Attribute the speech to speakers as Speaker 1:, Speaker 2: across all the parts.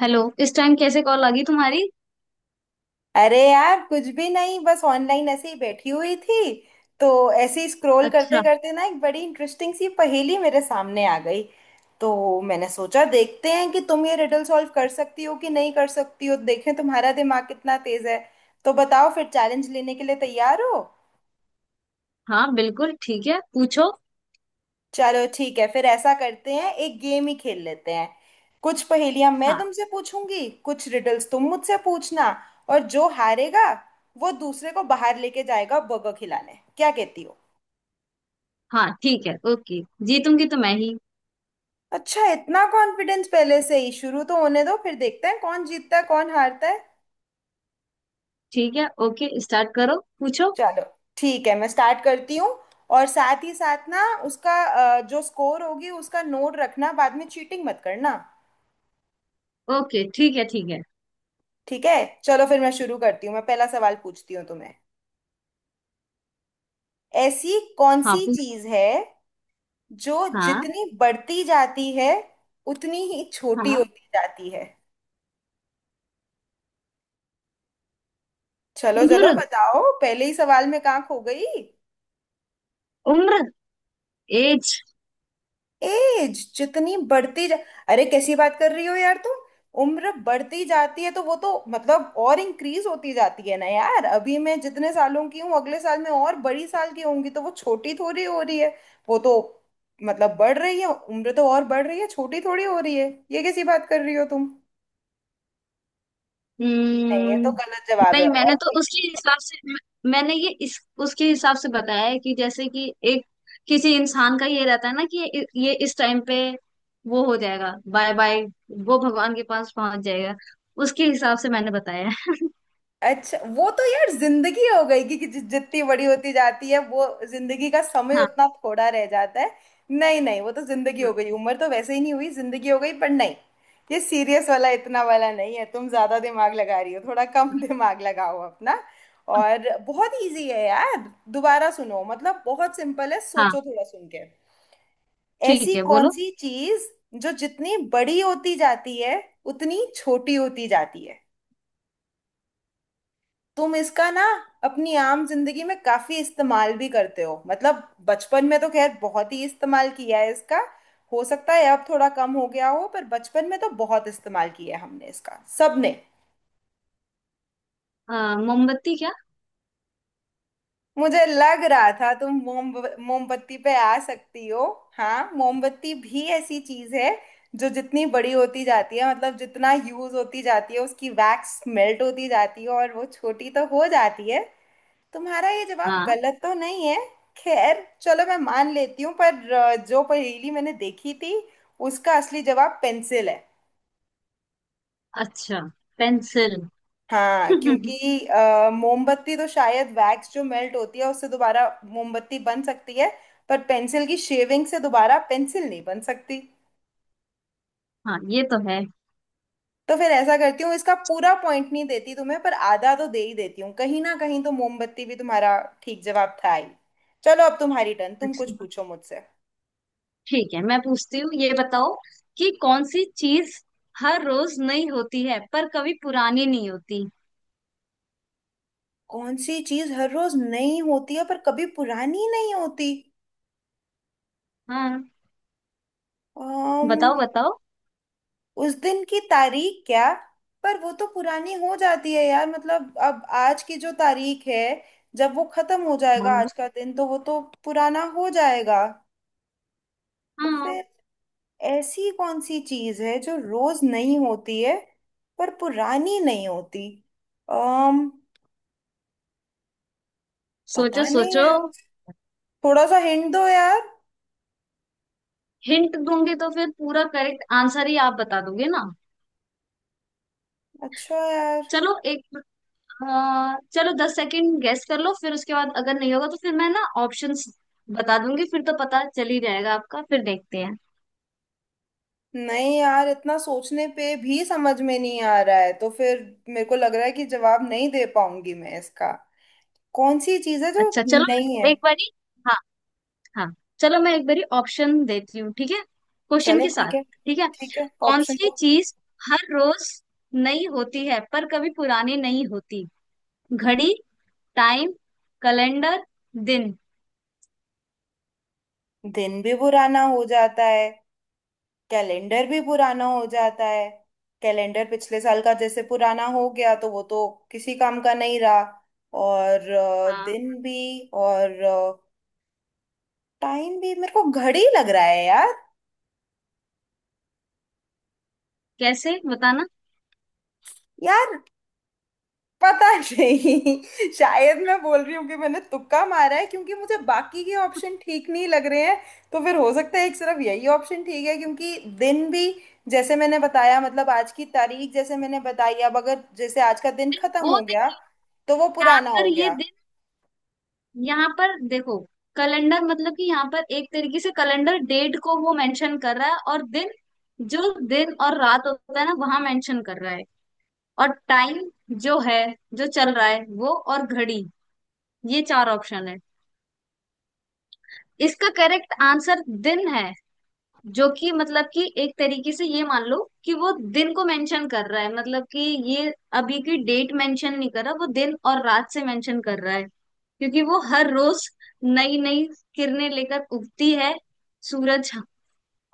Speaker 1: Hello, इस time कैसे call आ गई तुम्हारी?
Speaker 2: अरे यार कुछ भी नहीं, बस ऑनलाइन ऐसे ही बैठी हुई थी। तो ऐसे ही स्क्रॉल करते
Speaker 1: अच्छा।
Speaker 2: करते ना एक बड़ी इंटरेस्टिंग सी पहेली मेरे सामने आ गई। तो मैंने सोचा देखते हैं कि तुम ये रिडल सॉल्व कर सकती हो कि नहीं कर सकती हो, देखें तुम्हारा दिमाग कितना तेज है। तो बताओ फिर, चैलेंज लेने के लिए तैयार हो?
Speaker 1: हाँ, बिल्कुल ठीक है, पूछो।
Speaker 2: चलो ठीक है, फिर ऐसा करते हैं, एक गेम ही खेल लेते हैं। कुछ पहेलियां मैं
Speaker 1: हाँ।
Speaker 2: तुमसे पूछूंगी, कुछ रिडल्स तुम मुझसे पूछना। और जो हारेगा वो दूसरे को बाहर लेके जाएगा बर्गर खिलाने, क्या कहती हो?
Speaker 1: हाँ ठीक है, ओके। जीतूंगी तो मैं ही।
Speaker 2: अच्छा, इतना कॉन्फिडेंस पहले से ही? शुरू तो होने दो, फिर देखते हैं कौन जीतता है कौन हारता है।
Speaker 1: ठीक है, ओके, स्टार्ट करो, पूछो।
Speaker 2: चलो ठीक है, मैं स्टार्ट करती हूँ। और साथ ही साथ ना उसका जो स्कोर होगी उसका नोट रखना, बाद में चीटिंग मत करना।
Speaker 1: ओके, ठीक है ठीक है।
Speaker 2: ठीक है, चलो फिर मैं शुरू करती हूँ। मैं पहला सवाल पूछती हूँ तुम्हें। ऐसी कौन
Speaker 1: हाँ
Speaker 2: सी
Speaker 1: पूछ।
Speaker 2: चीज है जो
Speaker 1: हाँ।
Speaker 2: जितनी बढ़ती जाती है उतनी ही छोटी
Speaker 1: हाँ।
Speaker 2: होती जाती है? चलो चलो
Speaker 1: उम्र।
Speaker 2: बताओ, पहले ही सवाल में कहाँ खो गई?
Speaker 1: उम्र। एज।
Speaker 2: एज जितनी बढ़ती जा, अरे कैसी बात कर रही हो यार तुम। उम्र बढ़ती जाती है तो वो तो मतलब और इंक्रीज होती जाती है ना यार। अभी मैं जितने सालों की हूँ, अगले साल में और बड़ी साल की होंगी, तो वो छोटी थोड़ी हो रही है। वो तो मतलब बढ़ रही है, उम्र तो और बढ़ रही है, छोटी थोड़ी हो रही है? ये कैसी बात कर रही हो तुम। नहीं, ये तो
Speaker 1: हम्म,
Speaker 2: गलत जवाब है,
Speaker 1: नहीं,
Speaker 2: और
Speaker 1: मैंने तो
Speaker 2: कोई?
Speaker 1: उसके हिसाब से मैंने ये इस उसके हिसाब से बताया है कि जैसे कि एक किसी इंसान का ये रहता है ना कि ये इस टाइम पे वो हो जाएगा बाय बाय, वो भगवान के पास पहुंच जाएगा। उसके हिसाब से मैंने बताया है।
Speaker 2: अच्छा, वो तो यार जिंदगी हो गई कि, जितनी बड़ी होती जाती है वो जिंदगी का समय
Speaker 1: हाँ।
Speaker 2: उतना थोड़ा रह जाता है। नहीं नहीं, वो तो जिंदगी हो
Speaker 1: हाँ।
Speaker 2: गई, उम्र तो वैसे ही नहीं हुई, जिंदगी हो गई, पर नहीं। ये सीरियस वाला इतना वाला नहीं है, तुम ज्यादा दिमाग लगा रही हो, थोड़ा कम दिमाग लगाओ अपना। और बहुत इजी है यार। दोबारा सुनो, मतलब बहुत सिंपल है,
Speaker 1: हाँ,
Speaker 2: सोचो थोड़ा सुन के। ऐसी
Speaker 1: ठीक है,
Speaker 2: कौन
Speaker 1: बोलो।
Speaker 2: सी चीज जो जितनी बड़ी होती जाती है उतनी छोटी होती जाती है? तुम इसका ना अपनी आम जिंदगी में काफी इस्तेमाल भी करते हो। मतलब बचपन में तो खैर बहुत ही इस्तेमाल किया है इसका। हो सकता है अब थोड़ा कम हो गया हो, पर बचपन में तो बहुत इस्तेमाल किया है हमने इसका, सबने।
Speaker 1: अ, मोमबत्ती क्या?
Speaker 2: मुझे लग रहा था तुम मोमबत्ती पे आ सकती हो। हाँ, मोमबत्ती भी ऐसी चीज है जो जितनी बड़ी होती जाती है, मतलब जितना यूज होती जाती है, उसकी वैक्स मेल्ट होती जाती है और वो छोटी तो हो जाती है। तुम्हारा ये जवाब
Speaker 1: हाँ।
Speaker 2: गलत तो नहीं है, खैर चलो मैं मान लेती हूँ। पर जो पहेली मैंने देखी थी उसका असली जवाब पेंसिल है।
Speaker 1: अच्छा। पेंसिल।
Speaker 2: हाँ क्योंकि मोमबत्ती तो शायद वैक्स जो मेल्ट होती है उससे दोबारा मोमबत्ती बन सकती है, पर पेंसिल की शेविंग से दोबारा पेंसिल नहीं बन सकती।
Speaker 1: हाँ ये तो है।
Speaker 2: तो फिर ऐसा करती हूँ, इसका पूरा पॉइंट नहीं देती तुम्हें, पर आधा तो दे ही देती हूँ, कहीं ना कहीं तो मोमबत्ती भी तुम्हारा ठीक जवाब था ही। चलो अब तुम्हारी टर्न, तुम कुछ पूछो मुझसे।
Speaker 1: ठीक है, मैं पूछती हूँ, ये बताओ कि कौन सी चीज हर रोज नई होती है पर कभी पुरानी नहीं होती?
Speaker 2: कौन सी चीज हर रोज नई होती है पर कभी पुरानी नहीं होती?
Speaker 1: हाँ,
Speaker 2: um,
Speaker 1: बताओ बताओ।
Speaker 2: उस दिन की तारीख? क्या, पर वो तो पुरानी हो जाती है यार। मतलब अब आज की जो तारीख है, जब वो खत्म हो जाएगा आज
Speaker 1: हाँ।
Speaker 2: का दिन, तो वो तो पुराना हो जाएगा। तो
Speaker 1: हाँ।
Speaker 2: फिर ऐसी कौन सी चीज है जो रोज नई होती है पर पुरानी नहीं होती? um,
Speaker 1: सोचो
Speaker 2: पता नहीं
Speaker 1: सोचो।
Speaker 2: यार। थोड़ा सा हिंट दो यार।
Speaker 1: हिंट दूंगी तो फिर पूरा करेक्ट आंसर ही आप बता दोगे ना।
Speaker 2: अच्छा यार,
Speaker 1: चलो एक, चलो दस सेकंड गेस कर लो, फिर उसके बाद अगर नहीं होगा तो फिर मैं ना ऑप्शंस बता दूंगी, फिर तो पता चल ही जाएगा आपका, फिर देखते हैं।
Speaker 2: नहीं यार इतना सोचने पे भी समझ में नहीं आ रहा है, तो फिर मेरे को लग रहा है कि जवाब नहीं दे पाऊंगी मैं इसका। कौन सी चीज है जो
Speaker 1: अच्छा
Speaker 2: नहीं
Speaker 1: चलो
Speaker 2: है?
Speaker 1: एक बारी। हाँ, चलो मैं एक बारी ऑप्शन देती हूँ, ठीक है, क्वेश्चन
Speaker 2: चलो
Speaker 1: के साथ।
Speaker 2: ठीक है,
Speaker 1: ठीक है।
Speaker 2: ठीक है
Speaker 1: कौन
Speaker 2: ऑप्शन
Speaker 1: सी
Speaker 2: दो।
Speaker 1: चीज हर रोज नई होती है पर कभी पुरानी नहीं होती? घड़ी, टाइम, कैलेंडर, दिन।
Speaker 2: दिन भी पुराना हो जाता है, कैलेंडर भी पुराना हो जाता है। कैलेंडर पिछले साल का जैसे पुराना हो गया, तो वो तो किसी काम का नहीं रहा। और
Speaker 1: हाँ।
Speaker 2: दिन भी और टाइम भी। मेरे को घड़ी लग रहा है यार।
Speaker 1: कैसे बताना?
Speaker 2: यार पता नहीं शायद मैं बोल रही हूँ कि मैंने तुक्का मारा है, क्योंकि मुझे बाकी के ऑप्शन ठीक नहीं लग रहे हैं। तो फिर हो सकता है एक सिर्फ यही ऑप्शन ठीक है। क्योंकि दिन भी, जैसे मैंने बताया, मतलब आज की तारीख जैसे मैंने बताई, अब अगर जैसे आज का दिन
Speaker 1: दिन
Speaker 2: खत्म
Speaker 1: वो
Speaker 2: हो
Speaker 1: दिन
Speaker 2: गया
Speaker 1: नहीं।
Speaker 2: तो वो
Speaker 1: यहाँ
Speaker 2: पुराना
Speaker 1: पर
Speaker 2: हो
Speaker 1: ये
Speaker 2: गया।
Speaker 1: दिन, यहाँ पर देखो, कैलेंडर मतलब कि यहाँ पर एक तरीके से कैलेंडर डेट को वो मेंशन कर रहा है, और दिन जो दिन और रात होता है ना वहां मेंशन कर रहा है। और टाइम जो है, जो चल रहा है वो, और घड़ी, ये चार ऑप्शन है। इसका करेक्ट आंसर दिन है, जो कि मतलब कि एक तरीके से ये मान लो कि वो दिन को मेंशन कर रहा है, मतलब कि ये अभी की डेट मेंशन नहीं कर रहा, वो दिन और रात से मेंशन कर रहा है। क्योंकि वो हर रोज नई नई किरणें लेकर उगती है, सूरज,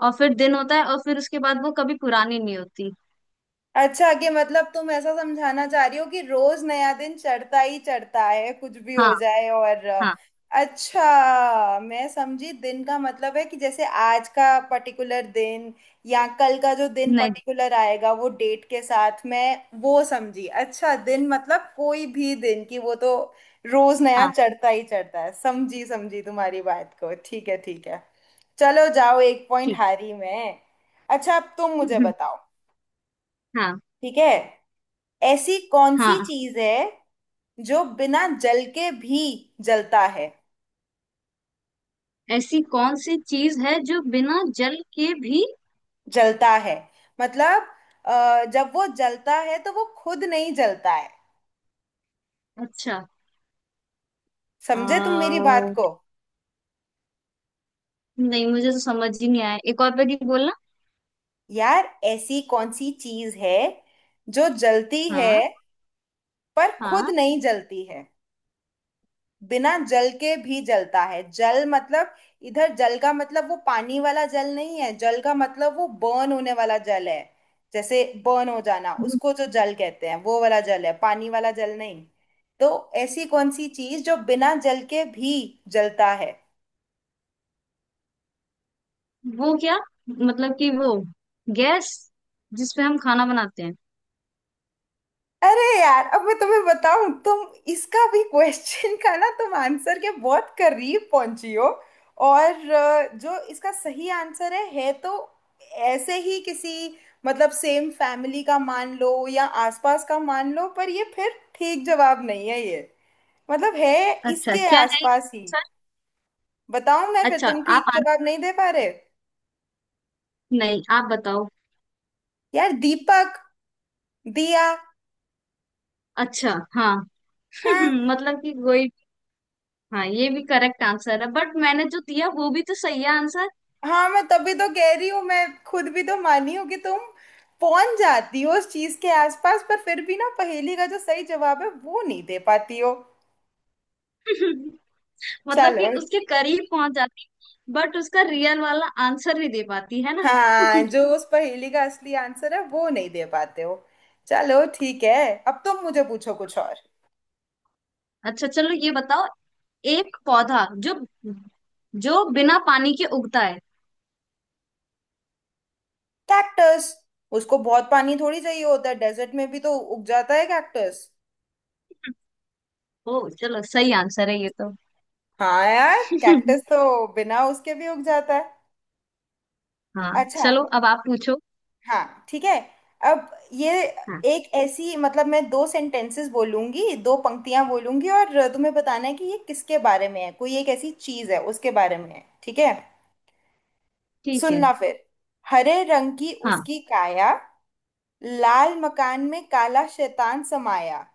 Speaker 1: और फिर दिन होता है, और फिर उसके बाद वो कभी पुरानी नहीं होती।
Speaker 2: अच्छा कि, मतलब तुम ऐसा समझाना चाह रही हो कि रोज नया दिन चढ़ता ही चढ़ता है, कुछ भी हो
Speaker 1: हाँ।
Speaker 2: जाए। और
Speaker 1: हाँ।
Speaker 2: अच्छा मैं समझी, दिन का मतलब है कि जैसे आज का पर्टिकुलर दिन या कल का जो दिन
Speaker 1: नहीं।
Speaker 2: पर्टिकुलर आएगा वो डेट के साथ, मैं वो समझी। अच्छा दिन मतलब कोई भी दिन की, वो तो रोज नया
Speaker 1: हाँ।
Speaker 2: चढ़ता ही चढ़ता है। समझी समझी, तुम्हारी बात को, ठीक है ठीक है। चलो जाओ, एक पॉइंट
Speaker 1: ठीक।
Speaker 2: हारी मैं। अच्छा अब तुम मुझे बताओ,
Speaker 1: हाँ।
Speaker 2: ठीक है? ऐसी कौन सी
Speaker 1: हाँ।
Speaker 2: चीज है जो बिना जल के भी जलता है?
Speaker 1: ऐसी कौन सी चीज है जो बिना जल के भी?
Speaker 2: जलता है मतलब जब वो जलता है तो वो खुद नहीं जलता है,
Speaker 1: अच्छा।
Speaker 2: समझे तुम मेरी
Speaker 1: आ,
Speaker 2: बात को?
Speaker 1: नहीं मुझे तो समझ ही नहीं आया, एक और बार ये बोलना।
Speaker 2: यार ऐसी कौन सी चीज है जो जलती है
Speaker 1: हाँ।
Speaker 2: पर खुद
Speaker 1: हाँ।
Speaker 2: नहीं जलती है, बिना जल के भी जलता है। जल मतलब, इधर जल का मतलब वो पानी वाला जल नहीं है, जल का मतलब वो बर्न होने वाला जल है। जैसे बर्न हो जाना उसको जो जल कहते हैं, वो वाला जल है, पानी वाला जल नहीं। तो ऐसी कौन सी चीज जो बिना जल के भी जलता है?
Speaker 1: वो क्या, मतलब कि वो गैस जिसपे हम खाना बनाते हैं?
Speaker 2: अरे यार अब मैं तुम्हें बताऊं, तुम इसका भी क्वेश्चन का ना तुम आंसर के बहुत करीब पहुंची हो। और जो इसका सही आंसर है तो ऐसे ही किसी, मतलब सेम फैमिली का मान लो या आसपास का मान लो, पर ये फिर ठीक जवाब नहीं है ये, मतलब है
Speaker 1: अच्छा
Speaker 2: इसके
Speaker 1: क्या है
Speaker 2: आसपास ही।
Speaker 1: सर?
Speaker 2: बताऊं मैं फिर,
Speaker 1: अच्छा
Speaker 2: तुम
Speaker 1: आप
Speaker 2: ठीक
Speaker 1: आन...
Speaker 2: जवाब नहीं दे पा रहे।
Speaker 1: नहीं आप बताओ।
Speaker 2: यार दीपक, दिया।
Speaker 1: अच्छा। हाँ।
Speaker 2: हाँ,
Speaker 1: मतलब कि कोई, हाँ ये भी करेक्ट आंसर है, बट मैंने जो दिया वो भी तो सही है आंसर।
Speaker 2: हाँ मैं तभी तो कह रही हूँ। मैं खुद भी तो मानी हूँ कि तुम पहुंच जाती हो उस चीज के आसपास, पर फिर भी ना पहेली का जो सही जवाब है वो नहीं दे पाती हो।
Speaker 1: मतलब कि
Speaker 2: चलो,
Speaker 1: उसके करीब पहुंच जाती, बट उसका रियल वाला आंसर नहीं दे पाती है ना।
Speaker 2: हाँ जो उस पहेली का असली आंसर है वो नहीं दे पाते हो। चलो ठीक है, अब तुम मुझे पूछो कुछ और।
Speaker 1: अच्छा, चलो ये बताओ, एक पौधा जो, जो बिना पानी के उगता है?
Speaker 2: कैक्टस, उसको बहुत पानी थोड़ी चाहिए होता है, डेजर्ट में भी तो उग जाता है कैक्टस।
Speaker 1: ओ चलो, सही आंसर है ये तो।
Speaker 2: हाँ यार, कैक्टस तो बिना उसके भी उग जाता है।
Speaker 1: हाँ,
Speaker 2: अच्छा,
Speaker 1: चलो अब आप पूछो।
Speaker 2: हाँ ठीक है। अब ये
Speaker 1: हाँ।
Speaker 2: एक ऐसी, मतलब मैं दो सेंटेंसेस बोलूंगी, दो पंक्तियां बोलूंगी और तुम्हें बताना है कि ये किसके बारे में है, कोई एक ऐसी चीज है उसके बारे में है, ठीक है?
Speaker 1: ठीक है।
Speaker 2: सुनना फिर। हरे रंग की
Speaker 1: हाँ।
Speaker 2: उसकी काया, लाल मकान में काला शैतान समाया,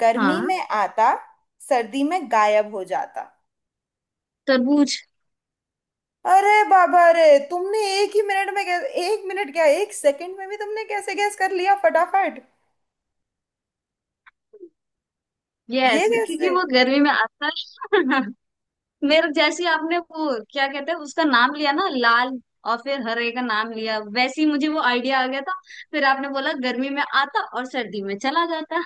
Speaker 2: गर्मी
Speaker 1: हाँ।
Speaker 2: में आता, सर्दी में गायब हो जाता।
Speaker 1: तरबूज।
Speaker 2: अरे बाबा रे, तुमने एक ही मिनट में कैसे, एक मिनट क्या एक सेकंड में भी तुमने कैसे गैस कर लिया फटाफट?
Speaker 1: यस,
Speaker 2: ये
Speaker 1: क्योंकि
Speaker 2: कैसे?
Speaker 1: वो गर्मी में आता है। मेरे जैसी आपने वो क्या कहते हैं उसका नाम लिया ना, लाल, और फिर हरे का नाम लिया, वैसे ही मुझे वो आइडिया आ गया था। फिर आपने बोला गर्मी में आता और सर्दी में चला जाता।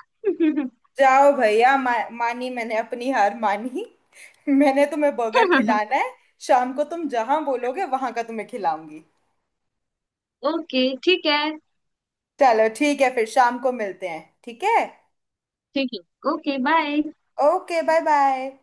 Speaker 2: जाओ भैया, मानी, मैंने अपनी हार मानी। मैंने तुम्हें बर्गर खिलाना है, शाम को तुम जहां बोलोगे वहां का तुम्हें खिलाऊंगी।
Speaker 1: ओके, ठीक है।
Speaker 2: चलो ठीक है, फिर शाम को मिलते हैं ठीक है।
Speaker 1: ठीक है। Okay bye.
Speaker 2: Okay bye bye.